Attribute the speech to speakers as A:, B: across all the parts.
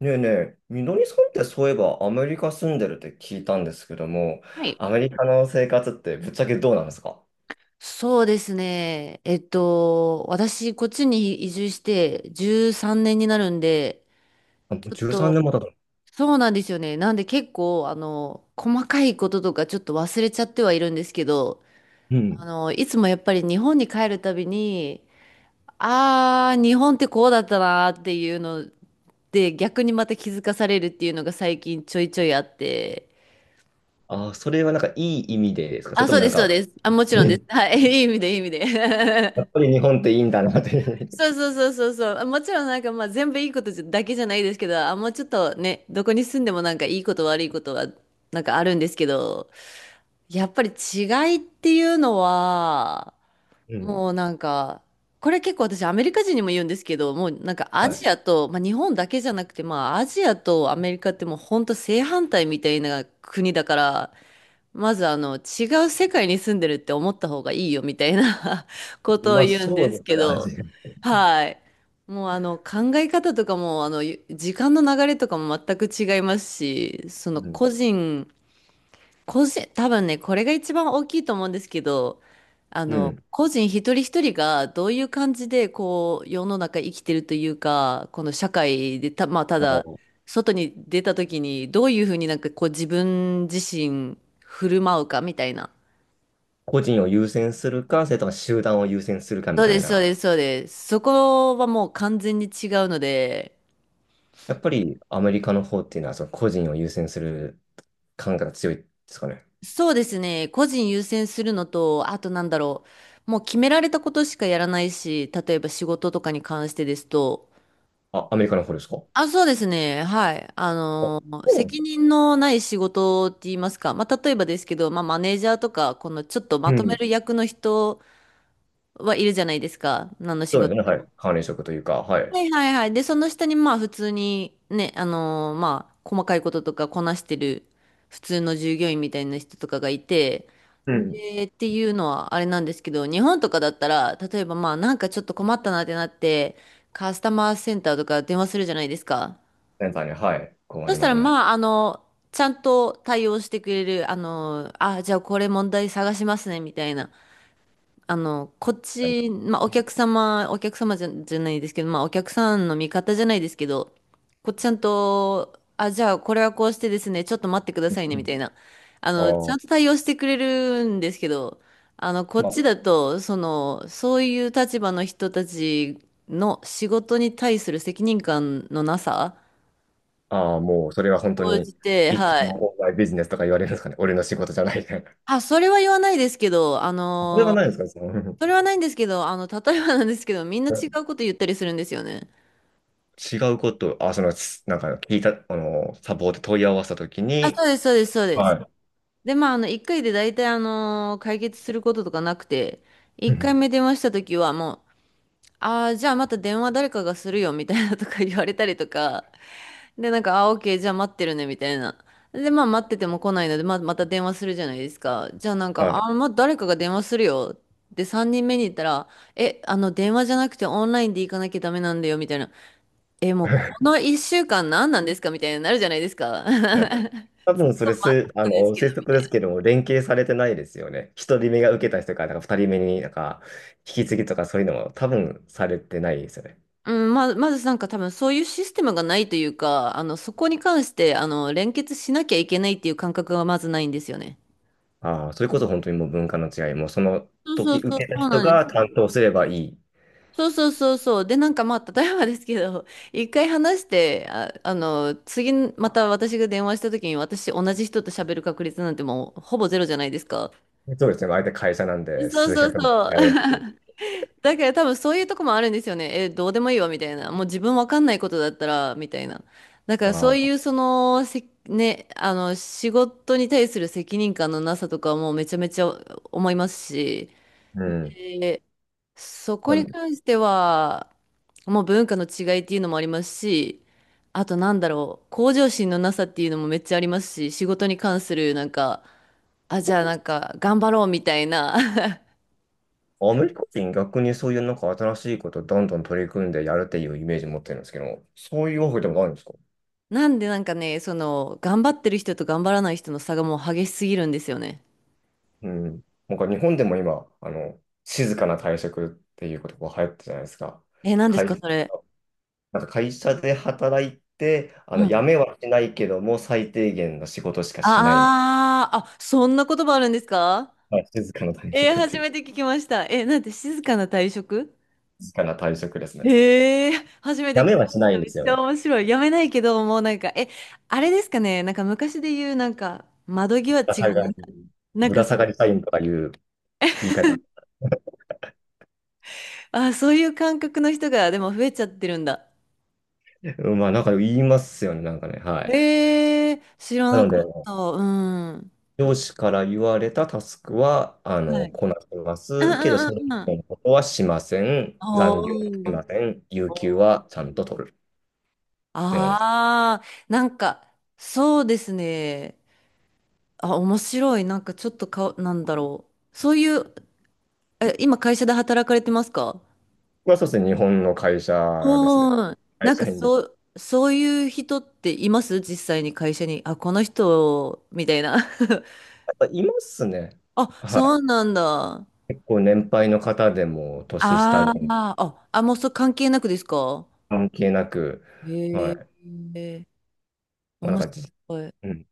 A: ねえねえ、みのりさんってそういえばアメリカ住んでるって聞いたんですけども、
B: はい。
A: アメリカの生活ってぶっちゃけどうなんですか？
B: そうですね。私、こっちに移住して13年になるんで、
A: あ、も
B: ち
A: う
B: ょっ
A: 13
B: と、
A: 年も経ったの？
B: そうなんですよね。なんで結構、細かいこととかちょっと忘れちゃってはいるんですけど、
A: うん。
B: いつもやっぱり日本に帰るたびに、日本ってこうだったなーっていうので、逆にまた気づかされるっていうのが最近ちょいちょいあって、
A: あ、それはなんかいい意味でですか、それ
B: あ、
A: と
B: そ
A: も
B: う
A: な
B: で
A: ん
B: す、そう
A: か、
B: です。あ、もちろんで
A: え、
B: す。はい、いい意味で、いい意味
A: や
B: で。
A: っぱ り日本っていいんだなっていう。
B: そうそうそうそうそう。もちろんなんかまあ全部いいことじゃだけじゃないですけど、あ、もうちょっとね、どこに住んでもなんかいいこと悪いことはなんかあるんですけど、やっぱり違いっていうのは、
A: うん。
B: もうなんか、これ結構私アメリカ人にも言うんですけど、もうなんか ア
A: はい。
B: ジアと、まあ日本だけじゃなくて、まあアジアとアメリカってもう本当正反対みたいな国だから、まず違う世界に住んでるって思った方がいいよみたいな ことを
A: まあ
B: 言うん
A: そう
B: で
A: で
B: す
A: す
B: け
A: ね、ア
B: ど、
A: ジア。
B: はい。もう考え方とかもあのゆ時間の流れとかも全く違いますし、その
A: うん。
B: 個人、多分ね、これが一番大きいと思うんですけど、
A: うん。
B: 個人一人一人がどういう感じで、こう、世の中生きてるというか、この社会でた、まあ、た
A: あ
B: だ、
A: の
B: 外に出た時に、どういうふうになんかこう、自分自身振る舞うかみたいな。
A: 個人を優先するか、それとも集団を優先するか
B: そ
A: み
B: う
A: た
B: で
A: い
B: す、そう
A: な。
B: です、そうです。そこはもう完全に違うので、
A: やっぱりアメリカの方っていうのはその個人を優先する感覚が強いですかね？
B: そうですね、個人優先するのと、あとなんだろう、もう決められたことしかやらないし、例えば仕事とかに関してですと、
A: あ、アメリカの方ですか？あ、
B: あ、そうですね。はい。
A: そうなんです
B: 責
A: ね。
B: 任のない仕事って言いますか。まあ、例えばですけど、まあ、マネージャーとか、このちょっとま
A: う
B: とめ
A: ん。
B: る役の人はいるじゃないですか。何の仕
A: そうで
B: 事。
A: すね、はい。管理職というか、は
B: は
A: い。
B: いはいはい。で、その下に、まあ、普通にね、まあ、細かいこととかこなしてる普通の従業員みたいな人とかがいて、
A: うん。
B: で、っていうのはあれなんですけど、日本とかだったら、例えばまあ、なんかちょっと困ったなってなって、カスタマーセンターとか電話するじゃないですか。
A: センターに、はい。こうあ
B: そ
A: り
B: した
A: ま
B: ら、
A: すね。
B: まあ、ちゃんと対応してくれる、あ、じゃあこれ問題探しますね、みたいな。こっ
A: はい。
B: ち、まあ、お客様、お客様じゃ、じゃないですけど、まあ、お客さんの味方じゃないですけど、こっちゃんと、あ、じゃあこれはこうしてですね、ちょっと待ってくださいね、
A: う
B: み
A: ん。
B: たいな。ち
A: あ
B: ゃ
A: あ、
B: んと対応してくれるんですけど、こっ
A: ま
B: ちだと、その、そういう立場の人たちの仕事に対する責任感のなさ、
A: あ、ああ、もう、それは本当
B: 応
A: に、
B: じて、
A: いつ
B: はい
A: もオンラインビジネスとか言われるんですかね。俺の仕事じゃないみたいな。
B: あ、それは言わないですけど、
A: それはないですか、その、
B: それはないんですけど、例えばなんですけど、みんな違うこと言ったりするんですよね。
A: 違うこと、あ、その、す、聞いた、サポート問い合わせたとき
B: あ、そ
A: に、
B: うです、そうです、そうで
A: は
B: す。
A: い。
B: で、まあ、あの、1回で大体、解決することとかなくて、
A: う
B: 1回
A: ん、
B: 目電話した時はもう、ああ、じゃあまた電話誰かがするよ、みたいなとか言われたりとか、で、なんか、あ、オッケー、じゃあ待ってるね、みたいな。で、まあ待ってても来ないので、まあ、また電話するじゃないですか。じゃあなん
A: は
B: か、
A: い。
B: あ、まあ誰かが電話するよ。で、3人目に行ったら、え、電話じゃなくてオンラインで行かなきゃダメなんだよ、みたいな。え、もうこ の1週間何なんですかみたいになるじゃないですか。
A: 多
B: ずっ
A: 分そ
B: と
A: れす、
B: なんですけど。
A: 推測ですけども、連携されてないですよね。一人目が受けた人から、なんか二人目になんか、引き継ぎとかそういうのも多分されてないですよね。
B: うん、まずなんか多分そういうシステムがないというか、そこに関して、連結しなきゃいけないっていう感覚がまずないんですよね。
A: ああ、それこそ本当にもう文化の違い、もうその
B: そうそ
A: 時
B: う
A: 受
B: そう、そ
A: けた
B: う
A: 人
B: なんです
A: が
B: よ。
A: 担当すればいい。
B: そうそうそうそう。で、なんかまあ、例えばですけど、一回話して、あ、次、また私が電話した時に、私、同じ人と喋る確率なんてもう、ほぼゼロじゃないですか。
A: そうですね。相手会社なんで、
B: そう
A: 数
B: そう
A: 百も
B: そう。
A: やるっていう。
B: だから多分そういうとこもあるんですよね。え、どうでもいいわ、みたいな。もう自分わかんないことだったら、みたいな。だか
A: あ
B: らそうい
A: あ、
B: う、その、せ、ね、あの、仕事に対する責任感のなさとかもうめちゃめちゃ思いますし、
A: うん。
B: そこ
A: まあ、
B: に関しては、もう文化の違いっていうのもありますし、あとなんだろう、向上心のなさっていうのもめっちゃありますし、仕事に関するなんか、あ、じゃあなんか頑張ろうみたいな。
A: アメリカ人逆にそういうなんか新しいことをどんどん取り組んでやるっていうイメージ持ってるんですけど、そういうわけでもあるんですか？
B: なんでなんかね、その、頑張ってる人と頑張らない人の差がもう激しすぎるんですよね。
A: うん。なんか日本でも今、静かな退職っていう言葉流行ってるじゃないですか。
B: え、何です
A: 会
B: か、
A: 社、
B: それ。
A: なんか会社で働いて、
B: う
A: 辞
B: ん。
A: めはしないけども、最低限の仕事しかしないみたい
B: ああ、あ、そんな言葉あるんですか？
A: な。はい、静かな退
B: えー
A: 職って
B: 初
A: いう、
B: めて聞きました。え、なんて静かな退職？
A: 静かな退職ですね。
B: へえ、初めて
A: 辞
B: 聞き
A: めは
B: ま
A: し
B: し
A: ない
B: た。
A: んで
B: めっ
A: すよ
B: ちゃ
A: ね。
B: 面白い。やめないけど、もうなんか、え、あれですかね、なんか昔で言う、なんか、窓際
A: ぶら
B: 違う、
A: 下
B: なん
A: がり、
B: なん
A: ぶ
B: か
A: ら下
B: そ、
A: がり社員とかいう言い方。
B: あ、そういう感覚の人が、でも増えちゃってるんだ。
A: うん、まあ、なんか言いますよね、なんかね。はい。
B: へえ、知ら
A: な
B: な
A: の
B: か
A: で、
B: った。うん。
A: 上司から言われたタスクは、
B: はい。
A: こなしま
B: うんう
A: す。けど、
B: んう
A: それ
B: ん
A: 以
B: うん。
A: 外のことはしません。残業はし
B: おー。
A: ません。有給はちゃんと取るって感じです。
B: ああ、なんか、そうですね。あ、面白い。なんかちょっとか、なんだろう。そういう、え、今会社で働かれてますか？
A: まあ、そうですね。日本の会社ですね。
B: うん。
A: 会
B: なんか
A: 社員です。
B: そう、そういう人っています実際に会社に。あ、この人、みたいな。
A: やっぱいますね。
B: あ、
A: は
B: そ
A: い。
B: うなんだ。
A: 結構年配の方でも、年下で
B: あー
A: も
B: あ、あ、もうそれ関係なくですか？
A: 関係なく、は
B: へ
A: い。
B: え、
A: まあ、なん
B: 面
A: かじ、
B: 白い。
A: うん。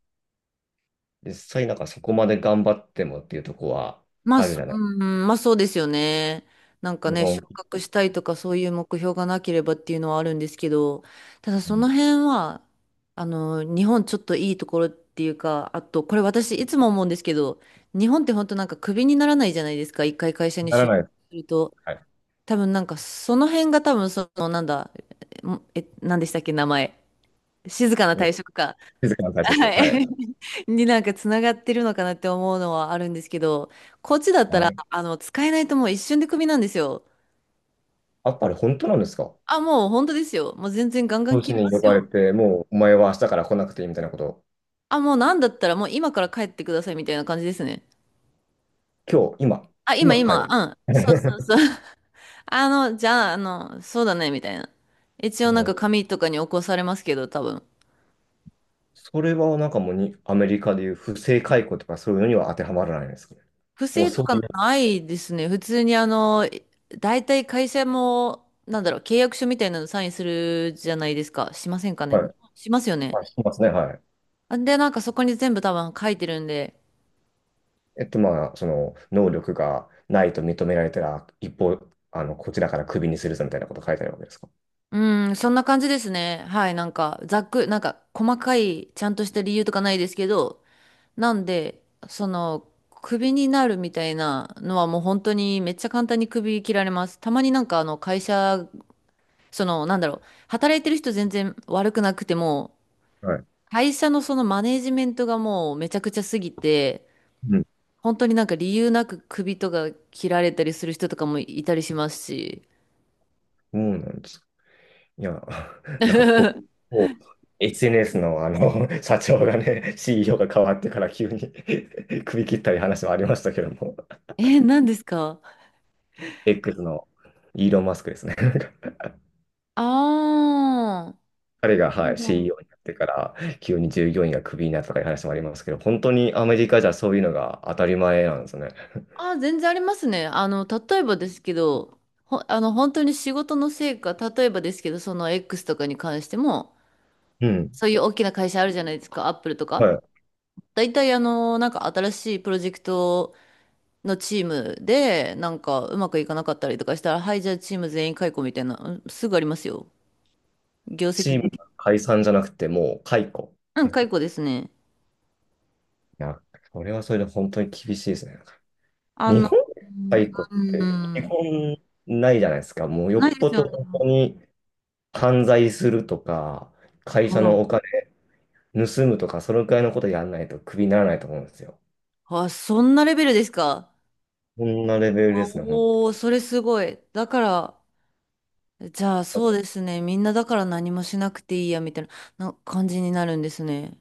A: 実際なんかそこまで頑張ってもっていうとこは
B: まあ、
A: あるじ
B: そ
A: ゃ
B: う
A: ない。
B: ん、まあそうですよね。なんか
A: 日
B: ね、
A: 本、
B: 昇格したいとかそういう目標がなければっていうのはあるんですけど、ただ
A: う
B: そ
A: ん、
B: の辺は、日本ちょっといいところっていうか、あと、これ私いつも思うんですけど、日本って本当なんかクビにならないじゃないですか、一回会社に
A: なら
B: 就職
A: ないです。
B: すると。
A: はい。
B: 多分なんかその辺が多分その、なんだ、え、えなんでしたっけ、名前。静かな
A: うん、
B: 退職か。
A: 静かな対策。
B: は
A: は
B: い。
A: い。
B: になんかつながってるのかなって思うのはあるんですけど、こっちだったら、使えないともう一瞬でクビなんですよ。
A: あ、あれ本当なんですか？
B: あ、もう本当ですよ。もう全然ガンガン
A: 上
B: 切
A: 司
B: りま
A: に呼
B: す
A: ばれ
B: よ。
A: て、もうお前は明日から来なくていいみたいなことを。
B: あ、もうなんだったらもう今から帰ってくださいみたいな感じですね。
A: 今日、今、
B: あ、今
A: 今か
B: 今、
A: よ。
B: うん。そうそうそう。じゃあ、そうだね、みたいな。一応なん
A: はい。
B: か紙とかに起こされますけど、多分。
A: それはなんかもうにアメリカでいう不正解雇とかそういうのには当てはまらないんですかね。
B: 不
A: もう
B: 正と
A: そ
B: か
A: ういう、
B: ないですね。普通に大体会社も、なんだろう、契約書みたいなのサインするじゃないですか。しませんかね。
A: はい。
B: しますよ
A: あ、
B: ね。
A: いしますね、はい。
B: あで、なんかそこに全部多分書いてるんで。
A: えっと、まあ、その、能力がないと認められたら、一方、こちらからクビにするぞみたいなこと書いてあるわけですか？
B: うん、そんな感じですね。はい、なんか、ざっく、なんか、細かい、ちゃんとした理由とかないですけど、なんで、その、クビになるみたいなのはもう本当にめっちゃ簡単にクビ切られます。たまになんかあの会社、その、なんだろう、働いてる人全然悪くなくても、
A: はい。
B: 会社のそのマネージメントがもうめちゃくちゃすぎて、
A: うん。
B: 本当になんか理由なく首とか切られたりする人とかもいたりしますし。
A: そうなんです。いや、なんかぼ、ぼ SNS のあの、社長がね、CEO が変わってから急に 首切ったり話もありましたけども、
B: え、何ですか？
A: X のイーロン・マスクですね。
B: ああ
A: 彼が、
B: ー、な
A: は
B: ん
A: い、
B: だろう。
A: CEO になってから急に従業員がクビになったとかいう話もありますけど、本当にアメリカじゃそういうのが当たり前なんですね。
B: あー、全然ありますね。例えばですけど、ほ、あの、本当に仕事の成果、例えばですけど、その X とかに関しても、
A: うん。
B: そういう大きな会社あるじゃないですか、アップルと
A: は
B: か。
A: い。
B: 大体あの、なんか新しいプロジェクトのチームで、なんかうまくいかなかったりとかしたら、はい、じゃあチーム全員解雇みたいな、うんすぐありますよ。業
A: チ
B: 績
A: ー
B: で
A: ムが
B: き、
A: 解散じゃなくてもう解雇。
B: うん、解雇ですね。
A: いや、それはそれで本当に厳しいですね。
B: あ
A: 日
B: の、
A: 本解雇っ
B: う
A: て基
B: ん、
A: 本ないじゃないですか。もうよっ
B: ないで
A: ぽ
B: すよ
A: ど
B: ね。
A: 本当に犯罪するとか、会社
B: う
A: のお
B: ん。
A: 金盗むとか、そのくらいのことやんないとクビにならないと思うんですよ。
B: あ、そんなレベルですか。
A: こんなレベルですね、ほん
B: おー、それすごい。だから、じゃあそうで
A: と。
B: すね。みんなだから何もしなくていいや、みたいな、な感じになるんですね。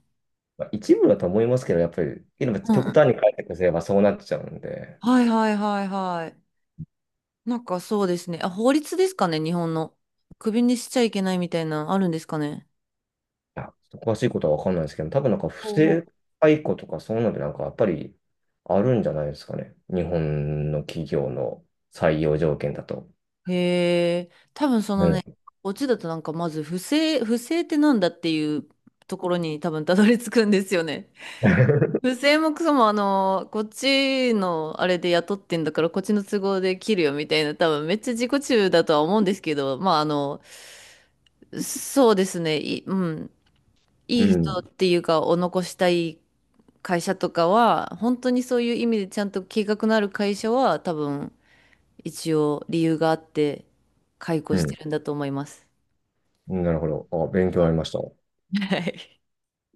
A: まあ一部だと思いますけど、やっぱり、やっぱ
B: う
A: 極
B: ん。
A: 端に解雇すればそうなっちゃうんで、
B: はいはいはいはい。なんかそうですね。あ、法律ですかね、日本の。クビにしちゃいけないみたいなのあるんですかね。
A: いやちょっと詳しいことはわかんないですけど、多分なんか不
B: おうお
A: 正解雇とかそういうのでなんかやっぱりあるんじゃないですかね。日本の企業の採用条件だと。
B: へえ、多分そ
A: う
B: のね、
A: ん。
B: オチだとなんかまず不正、不正ってなんだっていうところに多分たどり着くんですよね。不正もクソもこっちのあれで雇ってんだからこっちの都合で切るよみたいな、多分めっちゃ自己中だとは思うんですけど、そうですね、い、うん、
A: う
B: いい人
A: ん。
B: っていうかを残したい会社とかは、本当にそういう意味でちゃんと計画のある会社は、多分、一応理由があって、解雇
A: う
B: して
A: ん、
B: るんだと思います。
A: なるほど。あ、勉強になりました。
B: はい